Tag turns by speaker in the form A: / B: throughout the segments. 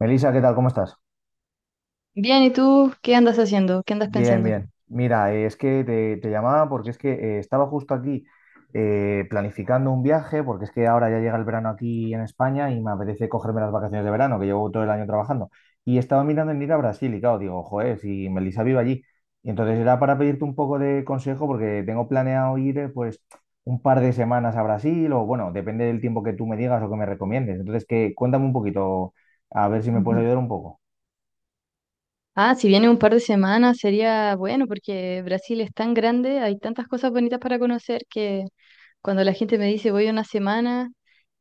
A: Melissa, ¿qué tal? ¿Cómo estás?
B: Bien, ¿y tú qué andas haciendo? ¿Qué andas
A: Bien,
B: pensando?
A: bien. Mira, es que te llamaba porque es que estaba justo aquí planificando un viaje, porque es que ahora ya llega el verano aquí en España y me apetece cogerme las vacaciones de verano, que llevo todo el año trabajando. Y estaba mirando en ir a Brasil y claro, digo, joder, si Melissa vive allí. Y entonces era para pedirte un poco de consejo porque tengo planeado ir pues un par de semanas a Brasil o bueno, depende del tiempo que tú me digas o que me recomiendes. Entonces, que cuéntame un poquito, a ver si me puedes
B: Ujú.
A: ayudar un poco.
B: Ah, si viene un par de semanas sería bueno porque Brasil es tan grande, hay tantas cosas bonitas para conocer que cuando la gente me dice voy una semana,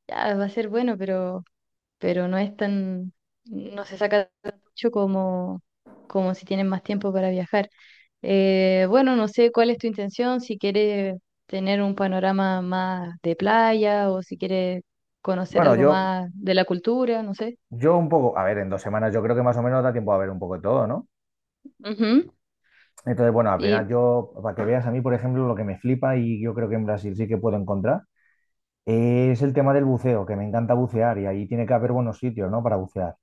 B: ya va a ser bueno, pero no es tan, no se saca tan mucho como si tienen más tiempo para viajar. Bueno, no sé cuál es tu intención, si quieres tener un panorama más de playa o si quieres conocer
A: Bueno,
B: algo
A: yo,
B: más de la cultura, no sé.
A: Yo un poco, a ver, en dos semanas yo creo que más o menos da tiempo a ver un poco de todo, ¿no?
B: Ujú.
A: Entonces, bueno, al final
B: Y
A: yo, para que veas a mí, por ejemplo, lo que me flipa y yo creo que en Brasil sí que puedo encontrar, es el tema del buceo, que me encanta bucear y ahí tiene que haber buenos sitios, ¿no? Para bucear.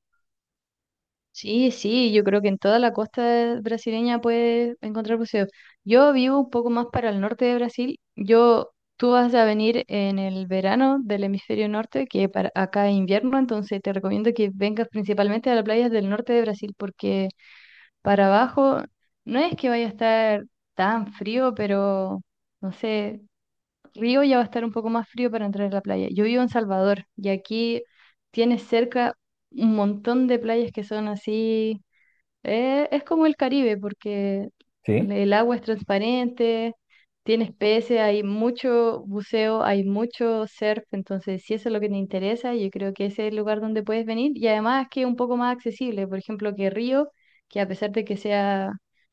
B: sí, sí, yo creo que en toda la costa brasileña puedes encontrar buceo. Yo vivo un poco más para el norte de Brasil. Tú vas a venir en el verano del hemisferio norte, que para acá es invierno, entonces te recomiendo que vengas principalmente a las playas del norte de Brasil, porque para abajo no es que vaya a estar tan frío, pero no sé, Río ya va a estar un poco más frío para entrar a la playa. Yo vivo en Salvador y aquí tienes cerca un montón de playas que son así. Es como el Caribe porque
A: Sí,
B: el agua es transparente, tienes peces, hay mucho buceo, hay mucho surf. Entonces, si eso es lo que te interesa, yo creo que ese es el lugar donde puedes venir y además que es un poco más accesible. Por ejemplo, que Río, que a pesar de que sea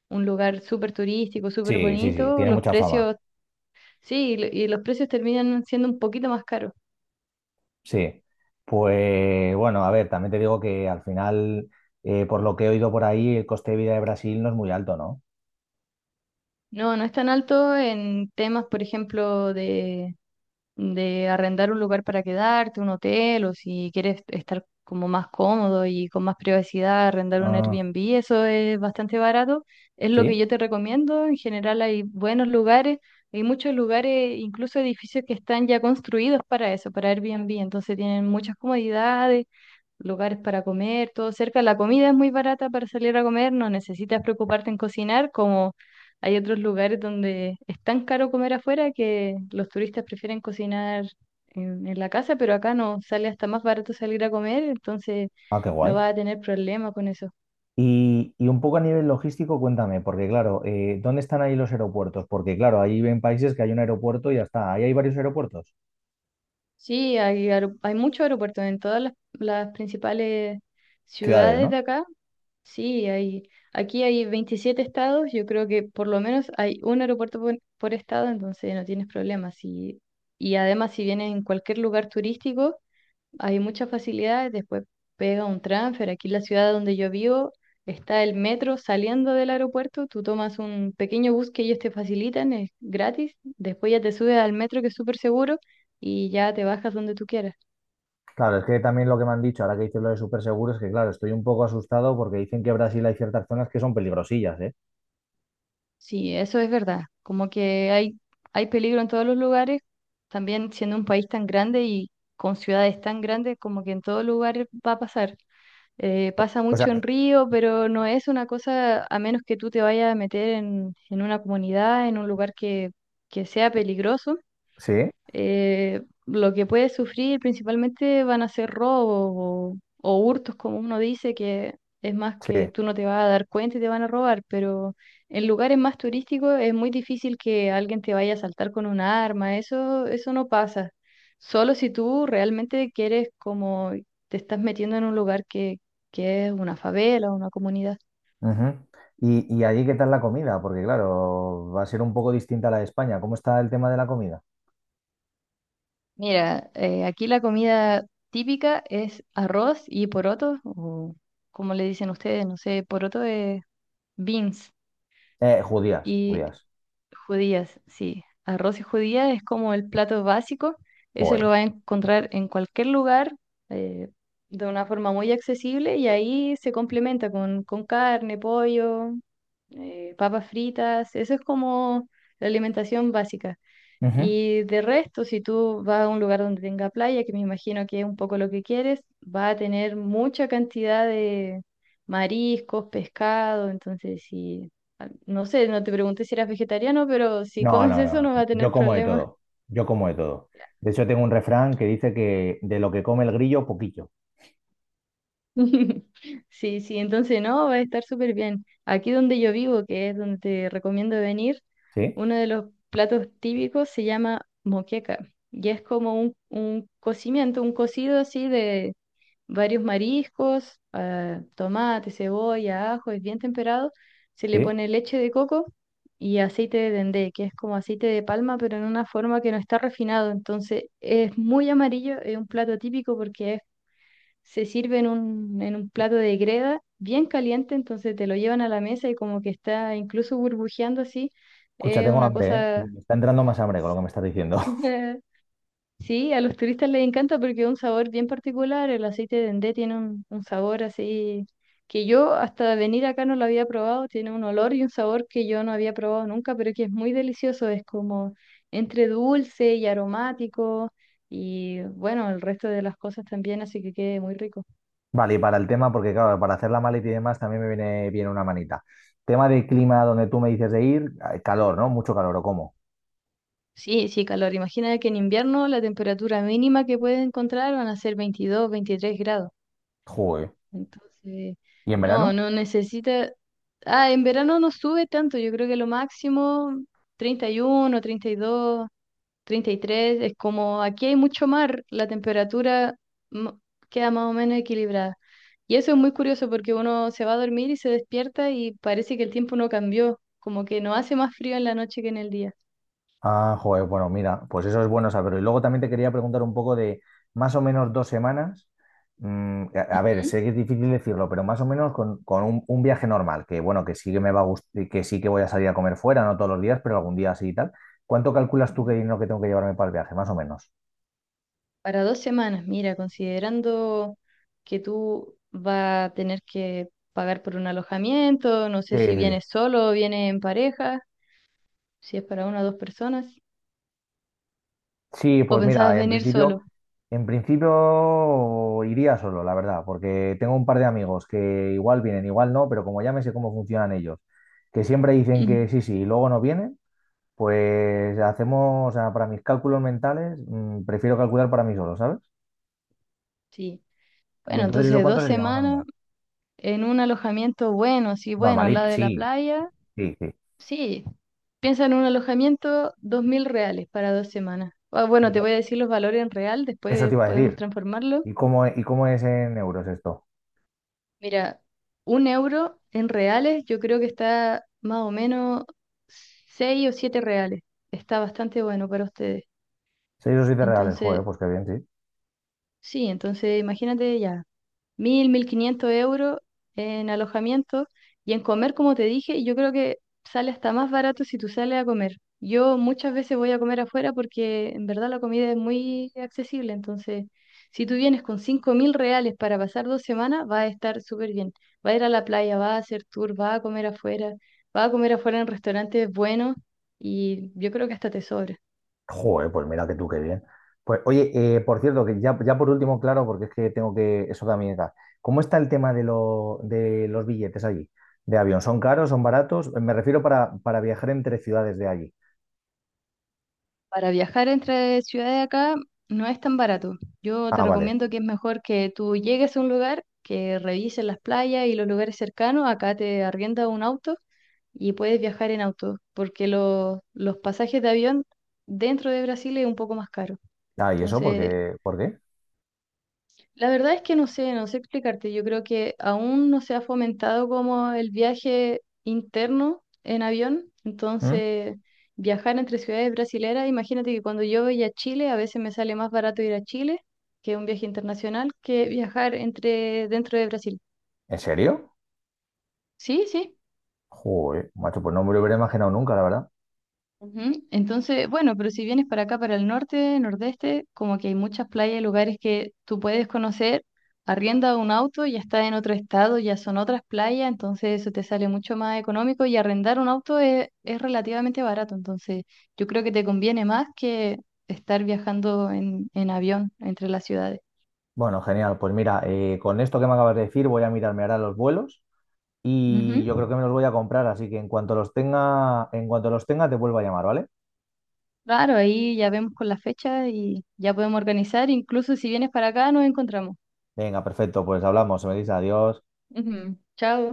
B: un lugar súper turístico, súper
A: sí, sí, sí,
B: bonito,
A: tiene
B: los
A: mucha fama.
B: precios. Sí, y los precios terminan siendo un poquito más caros.
A: Sí. Pues bueno, a ver, también te digo que al final, por lo que he oído por ahí, el coste de vida de Brasil no es muy alto, ¿no?
B: No, no es tan alto en temas, por ejemplo, de arrendar un lugar para quedarte, un hotel, o si quieres estar como más cómodo y con más privacidad, arrendar un
A: Ah,
B: Airbnb, eso es bastante barato. Es lo que yo
A: sí.
B: te recomiendo. En general hay buenos lugares, hay muchos lugares, incluso edificios que están ya construidos para eso, para Airbnb. Entonces tienen muchas comodidades, lugares para comer, todo cerca. La comida es muy barata para salir a comer, no necesitas preocuparte en cocinar, como hay otros lugares donde es tan caro comer afuera que los turistas prefieren cocinar en la casa, pero acá no sale hasta más barato salir a comer, entonces
A: Ah, qué
B: no
A: guay.
B: vas a tener problema con eso.
A: Y un poco a nivel logístico, cuéntame, porque claro, ¿dónde están ahí los aeropuertos? Porque claro, ahí ven países que hay un aeropuerto y ya está. Ahí hay varios aeropuertos,
B: Sí, hay muchos aeropuertos en todas las principales
A: ciudades,
B: ciudades
A: ¿no?
B: de acá. Sí, hay, aquí hay 27 estados, yo creo que por lo menos hay un aeropuerto por estado, entonces no tienes problemas. Y además si vienes en cualquier lugar turístico, hay muchas facilidades, después pega un transfer. Aquí en la ciudad donde yo vivo está el metro saliendo del aeropuerto, tú tomas un pequeño bus que ellos te facilitan, es gratis, después ya te subes al metro que es súper seguro y ya te bajas donde tú quieras.
A: Claro, es que también lo que me han dicho, ahora que dices lo de súper seguro, es que claro, estoy un poco asustado porque dicen que en Brasil hay ciertas zonas que son peligrosillas, ¿eh?
B: Sí, eso es verdad. Como que hay peligro en todos los lugares, también siendo un país tan grande y con ciudades tan grandes, como que en todo lugar va a pasar. Pasa
A: O sea,
B: mucho en Río, pero no es una cosa, a menos que tú te vayas a meter en una comunidad, en un lugar que sea peligroso.
A: sí,
B: Lo que puede sufrir principalmente van a ser robos o hurtos, como uno dice, que es más
A: sí.
B: que tú no te vas a dar cuenta y te van a robar, pero en lugares más turísticos es muy difícil que alguien te vaya a asaltar con un arma, eso no pasa. Solo si tú realmente quieres como te estás metiendo en un lugar que es una favela o una comunidad.
A: Ujú. Y allí, ¿qué tal la comida? Porque claro, va a ser un poco distinta a la de España. ¿Cómo está el tema de la comida?
B: Mira, aquí la comida típica es arroz y poroto, o como le dicen ustedes, no sé, poroto es beans
A: Judías,
B: y
A: judías.
B: judías, sí. Arroz y judías es como el plato básico, eso lo
A: Joder.
B: vas a encontrar en cualquier lugar eh, de una forma muy accesible y ahí se complementa con carne, pollo, papas fritas, eso es como la alimentación básica. Y de resto, si tú vas a un lugar donde tenga playa, que me imagino que es un poco lo que quieres, va a tener mucha cantidad de mariscos, pescado, entonces si, ah, no sé, no te pregunté si eras vegetariano, pero si
A: No,
B: comes
A: no, no.
B: eso
A: no.
B: no va a
A: Yo
B: tener
A: como de
B: problemas.
A: todo. Yo como de todo. De hecho, tengo un refrán que dice que de lo que come el grillo, poquillo.
B: Sí, sí, entonces no, va a estar súper bien. Aquí donde yo vivo, que es donde te recomiendo venir,
A: ¿Sí?
B: uno de los platos típicos se llama moqueca y es como un cocimiento, un cocido así de varios mariscos, ah, tomate, cebolla, ajo, es bien temperado. Se le
A: ¿Sí?
B: pone leche de coco y aceite de dendé, que es como aceite de palma, pero en una forma que no está refinado. Entonces es muy amarillo, es un plato típico porque se sirve en un plato de greda bien caliente, entonces te lo llevan a la mesa y como que está incluso burbujeando así.
A: Escucha,
B: Es
A: tengo
B: una
A: hambre, ¿eh?
B: cosa.
A: Y me está entrando más hambre con lo que me estás diciendo.
B: Sí, a los turistas les encanta porque es un sabor bien particular. El aceite de dendé tiene un sabor así que yo hasta venir acá no lo había probado. Tiene un olor y un sabor que yo no había probado nunca, pero que es muy delicioso. Es como entre dulce y aromático y bueno, el resto de las cosas también, así que quede muy rico.
A: Vale, y para el tema, porque claro, para hacer la maleta y demás también me viene bien una manita. Tema de clima donde tú me dices de ir, calor, ¿no? Mucho calor, ¿o cómo?
B: Sí, sí, calor. Imagina que en invierno la temperatura mínima que puedes encontrar van a ser 22, 23 grados.
A: Joder.
B: Entonces,
A: ¿Y en verano?
B: no, no necesita. Ah, en verano no sube tanto, yo creo que lo máximo 30, treinta y uno, 32, 33, es como aquí hay mucho mar, la temperatura mo- queda más o menos equilibrada. Y eso es muy curioso porque uno se va a dormir y se despierta y parece que el tiempo no cambió, como que no hace más frío en la noche que en el día.
A: Ah, joder, bueno, mira, pues eso es bueno saberlo. Y luego también te quería preguntar un poco de más o menos dos semanas. A ver,
B: Ujú.
A: sé que es difícil decirlo, pero más o menos con un viaje normal, que bueno, que sí que me va a gustar, que sí que voy a salir a comer fuera, no todos los días, pero algún día sí y tal. ¿Cuánto calculas tú que
B: Ujú.
A: dinero que tengo que llevarme para el viaje, más o menos?
B: Para 2 semanas, mira, considerando que tú vas a tener que pagar por un alojamiento, no
A: Sí,
B: sé si
A: sí,
B: vienes solo o vienes en pareja, si es para una o dos personas,
A: Sí,
B: o
A: pues
B: pensabas
A: mira,
B: venir solo.
A: en principio iría solo, la verdad, porque tengo un par de amigos que igual vienen, igual no, pero como ya me sé cómo funcionan ellos, que siempre dicen que sí, sí, y luego no vienen, pues hacemos, o sea, para mis cálculos mentales, prefiero calcular para mí solo, ¿sabes?
B: Sí.
A: Y
B: Bueno,
A: entonces, ¿eso
B: entonces
A: cuánto
B: dos
A: sería más o menos?
B: semanas en un alojamiento bueno, sí, bueno, al lado
A: Normalito,
B: de la
A: sí,
B: playa,
A: sí, sí.
B: sí. Piensa en un alojamiento, 2.000 reales para 2 semanas. Ah, bueno,
A: Y
B: te
A: no-
B: voy a decir los valores en real,
A: Eso
B: después
A: te iba a
B: podemos
A: decir.
B: transformarlo.
A: Y cómo es en euros esto?
B: Mira, un euro en reales yo creo que está más o menos 6 o 7 reales. Está bastante bueno para ustedes.
A: ¿Seis o siete reales? Joder,
B: Entonces,
A: pues qué bien, sí.
B: sí, entonces imagínate ya mil quinientos euros en alojamiento y en comer, como te dije, yo creo que sale hasta más barato si tú sales a comer. Yo muchas veces voy a comer afuera porque en verdad la comida es muy accesible, entonces si tú vienes con 5.000 reales para pasar 2 semanas, va a estar súper bien. Va a ir a la playa, va a hacer tour, va a comer afuera, va a comer afuera en restaurantes buenos y yo creo que hasta tesoro.
A: Joder, pues mira que tú qué bien. Pues oye, por cierto, ya por último, claro, porque es que tengo que, eso también está. ¿Cómo está el tema de los billetes allí? ¿De avión? ¿Son caros? ¿Son baratos? Me refiero para viajar entre ciudades de allí.
B: Para viajar entre ciudades acá no es tan barato. Yo te
A: Ah, vale.
B: recomiendo que es mejor que tú llegues a un lugar, que revises las playas y los lugares cercanos. Acá te arrienda un auto y puedes viajar en auto, porque los pasajes de avión dentro de Brasil es un poco más caro.
A: Ah, ¿y eso por
B: Entonces,
A: qué? ¿Por qué?
B: la verdad es que no sé, no sé explicarte. Yo creo que aún no se ha fomentado como el viaje interno en avión.
A: ¿Mm?
B: Entonces, viajar entre ciudades brasileras, imagínate que cuando yo voy a Chile, a veces me sale más barato ir a Chile, que un viaje internacional, que viajar entre dentro de Brasil.
A: ¿En serio?
B: Sí, sí.
A: Joder, macho, pues no me lo hubiera imaginado nunca, la verdad.
B: Ujú. Entonces, bueno, pero si vienes para acá, para el norte, nordeste, como que hay muchas playas y lugares que tú puedes conocer, arrienda un auto, ya está en otro estado, ya son otras playas, entonces eso te sale mucho más económico y arrendar un auto es relativamente barato, entonces yo creo que te conviene más que estar viajando en avión entre las ciudades.
A: Bueno, genial. Pues mira, con esto que me acabas de decir, voy a mirarme ahora los vuelos y yo
B: Ujú.
A: creo que me los voy a comprar, así que en cuanto los tenga, en cuanto los tenga, te vuelvo a llamar, ¿vale?
B: Claro, ahí ya vemos con la fecha y ya podemos organizar, incluso si vienes para acá nos encontramos.
A: Venga, perfecto, pues hablamos, se me dice adiós.
B: Ujú. Chao.